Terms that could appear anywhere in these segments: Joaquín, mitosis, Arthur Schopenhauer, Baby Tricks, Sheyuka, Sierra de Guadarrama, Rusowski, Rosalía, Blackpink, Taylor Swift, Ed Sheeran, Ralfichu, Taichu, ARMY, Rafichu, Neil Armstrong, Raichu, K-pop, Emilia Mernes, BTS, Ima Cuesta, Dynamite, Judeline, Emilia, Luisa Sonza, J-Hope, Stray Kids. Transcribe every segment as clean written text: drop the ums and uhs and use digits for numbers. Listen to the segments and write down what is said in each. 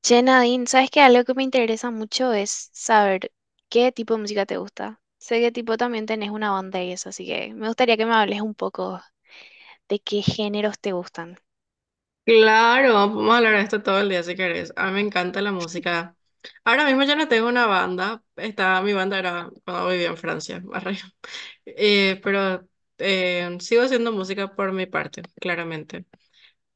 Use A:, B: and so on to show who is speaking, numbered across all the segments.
A: Che, Nadine, ¿sabes que algo que me interesa mucho es saber qué tipo de música te gusta? Sé que tipo también tenés una banda y eso, así que me gustaría que me hables un poco de qué géneros te gustan.
B: Claro, vamos a hablar de esto todo el día si querés. A mí me encanta la música. Ahora mismo yo no tengo una banda. Mi banda era cuando vivía en Francia, arre. Pero sigo haciendo música por mi parte, claramente.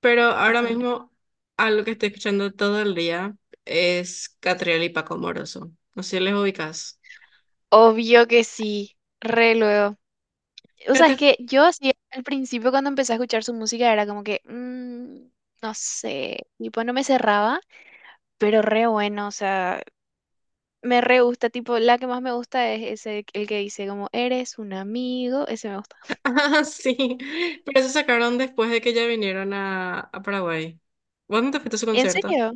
B: Pero ahora
A: Ujú.
B: mismo algo que estoy escuchando todo el día es Catriel y Paco Moroso. No sé si les ubicas.
A: Obvio que sí, re luego. O sea, es
B: Fíjate-
A: que yo así al principio cuando empecé a escuchar su música era como que, no sé, tipo no me cerraba, pero re bueno, o sea, me re gusta, tipo la que más me gusta es ese, el que dice como, eres un amigo, ese me gusta.
B: Ah, sí. Pero eso sacaron después de que ya vinieron a Paraguay. ¿Vos no te fuiste a su
A: ¿En
B: concierto?
A: serio?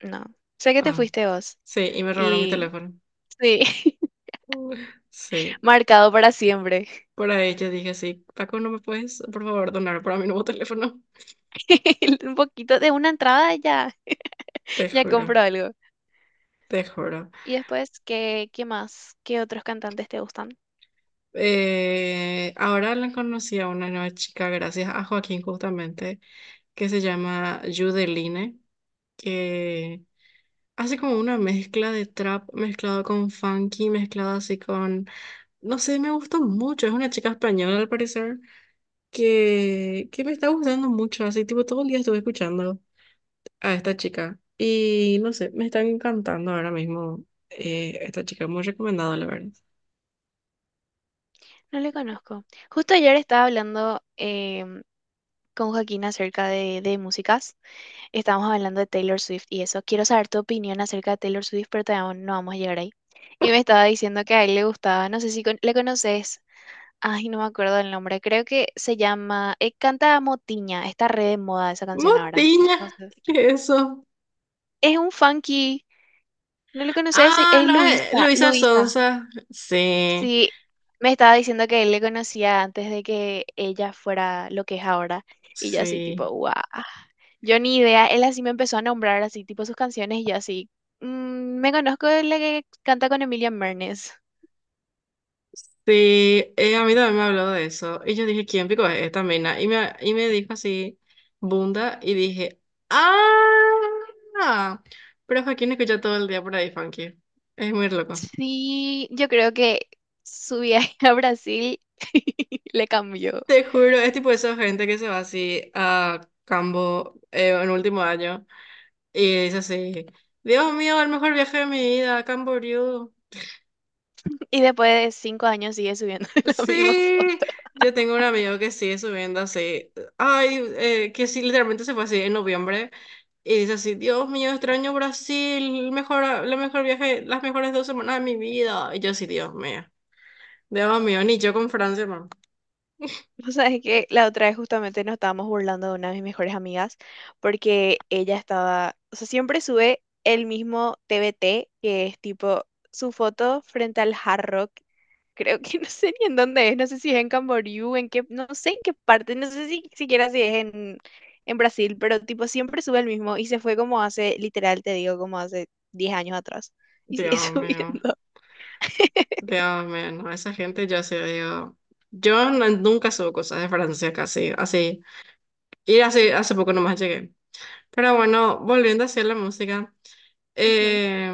A: No, sé que te
B: Ah.
A: fuiste vos.
B: Sí, y me robaron mi
A: Y
B: teléfono.
A: sí,
B: Uf. Sí,
A: marcado para siempre.
B: por ahí yo dije, sí, Paco, ¿no me puedes, por favor, donar para mi nuevo teléfono?
A: Un poquito de una entrada ya,
B: Te
A: ya
B: juro,
A: compro algo.
B: te juro.
A: Y después, ¿qué más? ¿Qué otros cantantes te gustan?
B: Ahora la conocí a una nueva chica, gracias a Joaquín justamente, que se llama Judeline, que hace como una mezcla de trap mezclado con funky, mezclado así con... No sé, me gustó mucho. Es una chica española, al parecer, que me está gustando mucho. Así, tipo, todo el día estuve escuchando a esta chica. Y no sé, me están encantando ahora mismo esta chica, muy recomendado, la verdad.
A: No le conozco. Justo ayer estaba hablando con Joaquín acerca de músicas. Estábamos hablando de Taylor Swift y eso. Quiero saber tu opinión acerca de Taylor Swift, pero todavía no vamos a llegar ahí. Y me estaba diciendo que a él le gustaba, no sé si le conoces. Ay, no me acuerdo el nombre. Creo que se llama, canta Motiña. Está re de moda esa canción ahora.
B: Motiña,
A: No sé.
B: ¿qué es eso?
A: Es un funky. ¿No le conoces? Es
B: Ah,
A: es
B: no,
A: Luisa.
B: Luisa
A: Luisa.
B: Sonza. Sí,
A: Sí. Me estaba diciendo que él le conocía antes de que ella fuera lo que es ahora. Y yo así, tipo,
B: sí,
A: guau. Yo ni idea. Él así me empezó a nombrar así, tipo, sus canciones. Y yo así, me conozco de la que canta con Emilia Mernes".
B: sí. A mí también me habló de eso. Y yo dije, ¿quién pico es esta mina? Y me dijo así, Bunda, y dije, ¡ah! Pero Joaquín escucha todo el día por ahí, Funky. Es muy loco.
A: Sí, yo creo que su viaje a Brasil le cambió.
B: Te juro, es tipo esa gente que se va así a Cambo en último año y dice así, Dios mío, el mejor viaje de mi vida, Camboriú.
A: Y después de 5 años sigue subiendo la misma
B: Sí,
A: foto.
B: yo tengo un amigo que sigue subiendo así, ay, que sí, literalmente se fue así en noviembre y dice así, Dios mío, extraño Brasil, la mejor viaje, las mejores 2 semanas de mi vida. Y yo así, Dios mío, ni yo con Francia, man.
A: O sea, es que la otra vez justamente nos estábamos burlando de una de mis mejores amigas porque ella estaba, o sea, siempre sube el mismo TBT, que es tipo su foto frente al Hard Rock. Creo que no sé ni en dónde es, no sé si es en Camboriú, en qué, no sé en qué parte, no sé si siquiera si es en Brasil, pero tipo siempre sube el mismo y se fue como hace, literal te digo, como hace 10 años atrás. Y sigue
B: Dios mío.
A: subiendo.
B: Dios mío, no, esa gente ya se dio. Yo no- nunca subo cosas de Francia casi, así. Y hace poco nomás llegué. Pero bueno, volviendo hacia la música.
A: Ujú,
B: eh,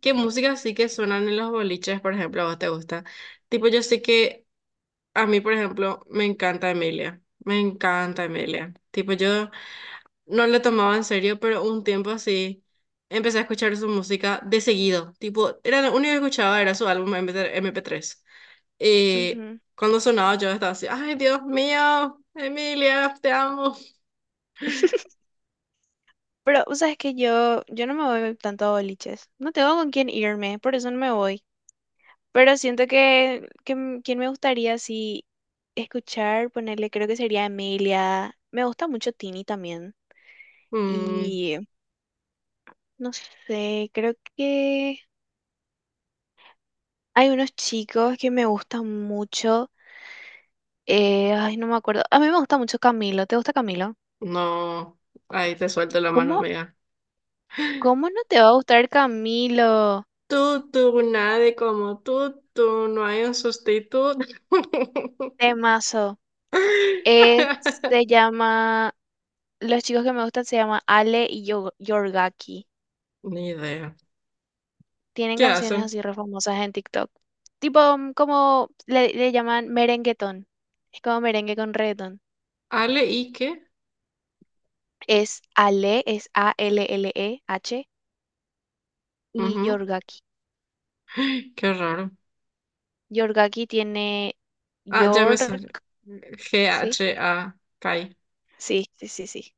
B: ¿qué música sí que suenan en los boliches, por ejemplo, a vos te gusta? Tipo, yo sé que a mí, por ejemplo, me encanta Emilia. Me encanta Emilia. Tipo, yo no le tomaba en serio, pero un tiempo así empecé a escuchar su música de seguido. Tipo, era lo único que escuchaba era su álbum MP3. Y
A: ujú.
B: cuando sonaba yo estaba así, ay Dios mío, Emilia, te amo.
A: Pero, o sea, es que yo no me voy tanto a boliches. No tengo con quién irme, por eso no me voy. Pero siento que quien me gustaría así escuchar, ponerle, creo que sería Emilia. Me gusta mucho Tini también.
B: Mm,
A: Y no sé, creo que hay unos chicos que me gustan mucho. Ay, no me acuerdo. A mí me gusta mucho Camilo. ¿Te gusta Camilo?
B: no, ahí te suelto la mano,
A: ¿Cómo,
B: amiga.
A: cómo no te va a gustar Camilo?
B: Tú, nadie como tú, no hay un sustituto.
A: Temazo. Se llama. Los chicos que me gustan se llaman Ale y Yorgaki.
B: Ni idea.
A: Tienen
B: ¿Qué
A: canciones
B: hacen?
A: así re famosas en TikTok. Tipo, como le llaman merenguetón. Es como merengue con reggaetón.
B: ¿Ale y qué?
A: Es Ale, es Alleh y
B: Ujú.
A: Yorgaki.
B: Qué raro.
A: Yorgaki tiene
B: Ah, ya me
A: York,
B: salió
A: ¿sí?
B: G-H-A-K. A K I.
A: Sí, sí, sí, sí.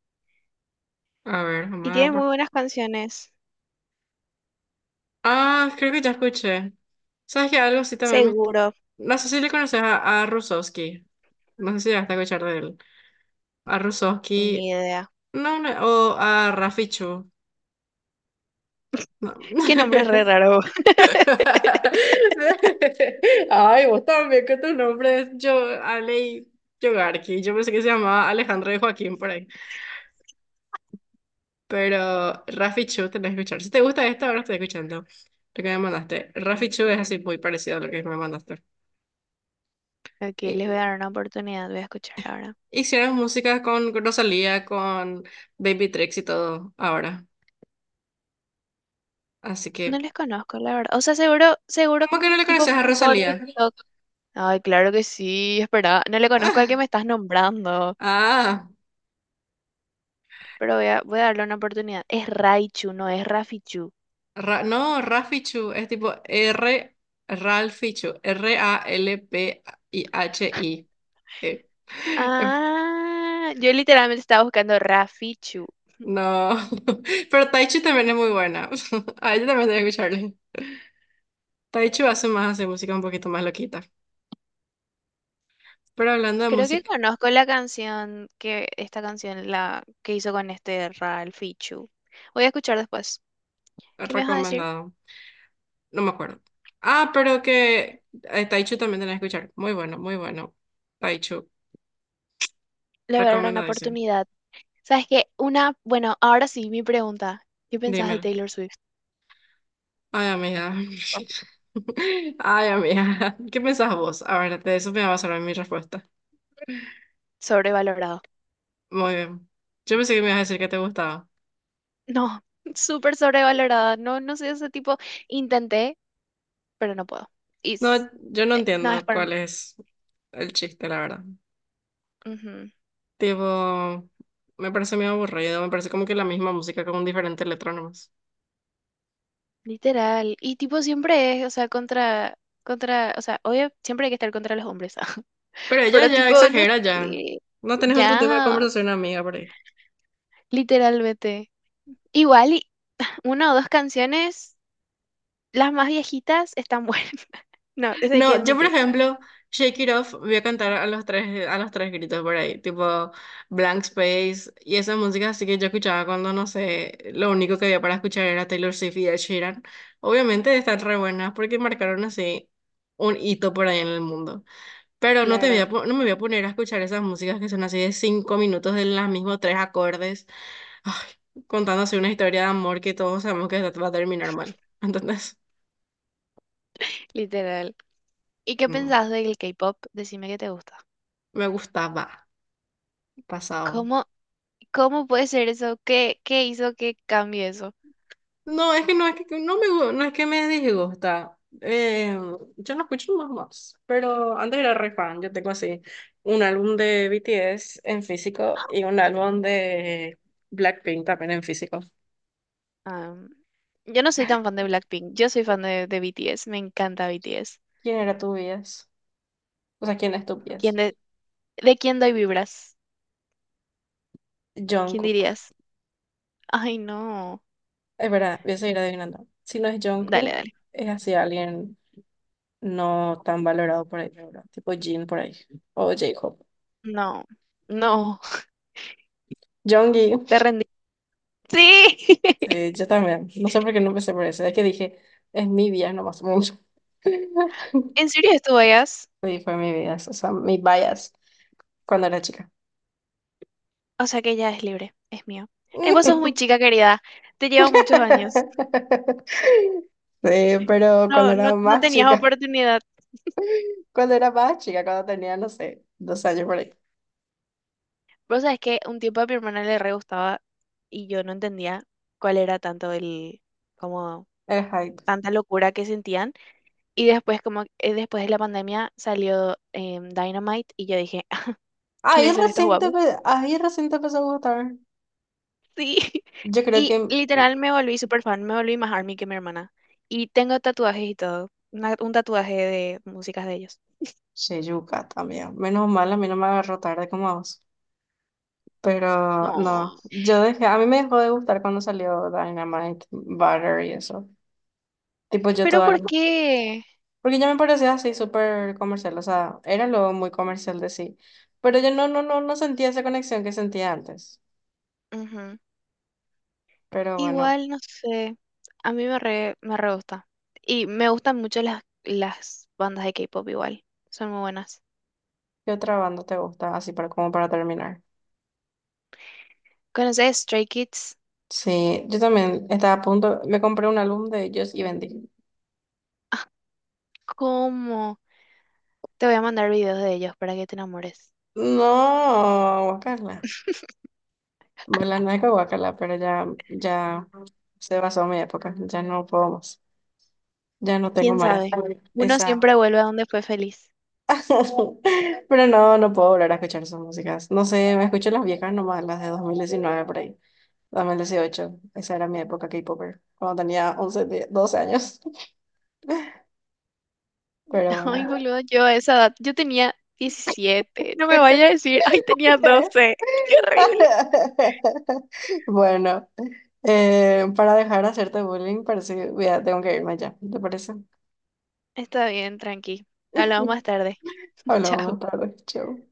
B: A ver,
A: Y
B: vamos a
A: tiene muy
B: ver.
A: buenas canciones.
B: Ah, creo que ya escuché. ¿Sabes que algo sí también me...
A: Seguro,
B: No sé si le conoces a Rusowski. No sé si llegaste a escuchar de él. A
A: ni
B: Rusowski.
A: idea.
B: No, no, o a Rafichu. No.
A: Qué nombre re raro.
B: Ay, vos también con tus nombres. Yo, Alei Yogarki. Yo pensé que se llamaba Alejandro de Joaquín por ahí. Pero Rafichu tenés que escuchar. Si te gusta esto, ahora estoy escuchando lo que me mandaste. Rafichu es así muy parecido a lo que me mandaste.
A: Ok, les voy a dar una oportunidad, voy a escuchar ahora.
B: Hicieron música con Rosalía, con Baby Tricks y todo ahora. Así
A: No
B: que,
A: les conozco, la verdad. O sea, seguro, seguro,
B: ¿cómo que no le
A: tipo
B: conoces a
A: por
B: Rosalía?
A: TikTok. Ay, claro que sí, espera. No le conozco al que me estás nombrando.
B: Ah,
A: Pero voy a darle una oportunidad. Es Raichu, no es Rafichu.
B: No, Rafichu, es tipo R, Ralfichu, R-A-L-P-I-H-I. eh. eh,
A: Ah, yo literalmente estaba buscando Rafichu.
B: No, pero Taichu también es muy buena. A ella también debe escucharle. Taichu hace música un poquito más loquita. Pero hablando de
A: Creo que
B: música,
A: conozco la canción que, esta canción la que hizo con este Ralfichu. Voy a escuchar después. ¿Qué me vas a decir?
B: recomendado. No me acuerdo. Ah, pero que Taichu también tenés que escuchar. Muy bueno, muy bueno. Taichu,
A: Le voy a dar una
B: recomendadísimo.
A: oportunidad. ¿Sabes qué? Una, bueno, ahora sí, mi pregunta. ¿Qué pensás de
B: Dímelo.
A: Taylor Swift?
B: Ay, amiga. Ay, amiga. ¿Qué pensás vos? A ver, de eso me va a basar mi respuesta.
A: Sobrevalorado.
B: Muy bien. Yo pensé que me ibas a decir que te gustaba.
A: No, súper sobrevalorado. No, no soy ese tipo. Intenté, pero no puedo. Y
B: No, yo no
A: no es
B: entiendo
A: para.
B: cuál es el chiste, la verdad.
A: Ujú,
B: Tipo, me parece medio aburrido. Me parece como que la misma música con un diferente letra nomás.
A: literal. Y tipo siempre es, o sea, contra, o sea, obvio, siempre hay que estar contra los hombres.
B: Pero ella
A: Pero
B: ya
A: tipo, no
B: exagera ya.
A: sé.
B: No tenés otro tema de
A: Ya,
B: conversación, amiga, por ahí.
A: literalmente. Igual, y una o dos canciones, las más viejitas, están buenas. No, eso hay que
B: No, yo por
A: admitir.
B: ejemplo, Shake It Off voy a cantar a los tres gritos por ahí, tipo Blank Space y esa música así que yo escuchaba cuando, no sé, lo único que había para escuchar era Taylor Swift y Ed Sheeran. Obviamente están re buenas porque marcaron así un hito por ahí en el mundo. Pero no te voy
A: Claro,
B: a, po- no me voy a poner a escuchar esas músicas que son así de 5 minutos de los mismos 3 acordes, ay, contándose una historia de amor que todos sabemos que va a terminar mal. ¿Entendés?
A: literal. ¿Y qué
B: No,
A: pensás del K-pop? Decime que te gusta.
B: me gustaba, pasado.
A: ¿Cómo? ¿Cómo puede ser eso? ¿Qué hizo que cambie eso?
B: No, es que no es que no es que me disgusta. Yo no escucho más, pero antes era re fan. Yo tengo así un álbum de BTS en físico y un álbum de Blackpink también en físico.
A: Am, yo no soy tan fan de Blackpink, yo soy fan de BTS, me encanta BTS.
B: ¿Quién era tu bias? O sea, ¿quién es tu
A: ¿Quién
B: bias?
A: de quién doy vibras? ¿Quién
B: Jungkook.
A: dirías? Ay, no.
B: Es verdad, voy a seguir adivinando. Si no es
A: Dale,
B: Jungkook,
A: dale.
B: es así alguien no tan valorado por ahí, ¿verdad? Tipo Jin por ahí o J-Hope.
A: No, no,
B: Jongi.
A: te rendí. Sí,
B: Sí, yo también. No sé por qué no empecé por eso. Es que dije, es mi vida, no más mucho.
A: en serio estuvo ellas.
B: Sí, fue mi vida, o sea, mi bias cuando era chica.
A: O sea que ya es libre, es mío. Vos sos muy chica, querida. Te llevo muchos años.
B: Sí, pero cuando
A: No, no,
B: era
A: no
B: más
A: tenías
B: chica,
A: oportunidad.
B: cuando era más chica, cuando tenía, no sé, 2 años por ahí.
A: Vos sabés que un tiempo a mi hermana le re gustaba y yo no entendía cuál era tanto el, como
B: El hype.
A: tanta locura que sentían. Y después, como después de la pandemia, salió Dynamite y yo dije, "Ah,
B: Ahí
A: ¿quiénes son estos
B: recién te,
A: guapos?".
B: empe- ahí recién te empezó a gustar.
A: Sí.
B: Yo creo
A: Y
B: que mm,
A: literal me volví super fan, me volví más ARMY que mi hermana. Y tengo tatuajes y todo, un tatuaje de músicas de ellos.
B: Sheyuka también. Menos mal, a mí no me agarró tarde como a vos. Pero no,
A: No.
B: a mí me dejó de gustar cuando salió Dynamite, Butter y eso. Tipo yo
A: ¿Pero
B: toda
A: por
B: la...
A: qué?
B: Porque ya me parecía así súper comercial, o sea, era lo muy comercial de sí. Pero yo no sentía esa conexión que sentía antes. Pero bueno,
A: Igual, no sé, a mí me re gusta. Y me gustan mucho las bandas de K-pop igual, son muy buenas.
B: ¿qué otra banda te gusta? Así para, como para terminar.
A: ¿Conoces Stray Kids?
B: Sí, yo también estaba a punto, me compré un álbum de ellos y vendí.
A: ¿Cómo? Te voy a mandar videos de ellos para que te enamores.
B: No, guacala. Bueno, no es que guacala, pero ya se basó mi época, ya no puedo más. Ya no tengo
A: ¿Quién
B: más
A: sabe? Uno
B: esa.
A: siempre vuelve a donde fue feliz.
B: Pero no, no puedo volver a escuchar esas músicas. No sé, me escucho las viejas nomás, las de 2019 por ahí, 2018. Esa era mi época K-Popper, cuando tenía 11, 10, 12 años. Pero bueno.
A: Ay, boludo, yo a esa edad, yo tenía 17. No me vaya a decir, ay, tenía 12. Qué horrible.
B: Bueno, para dejar de hacerte bullying, parece, tengo que irme ya. ¿Te parece?
A: Está bien, tranqui. Hablamos más tarde.
B: Hablamos más
A: Chao.
B: tarde. Chau.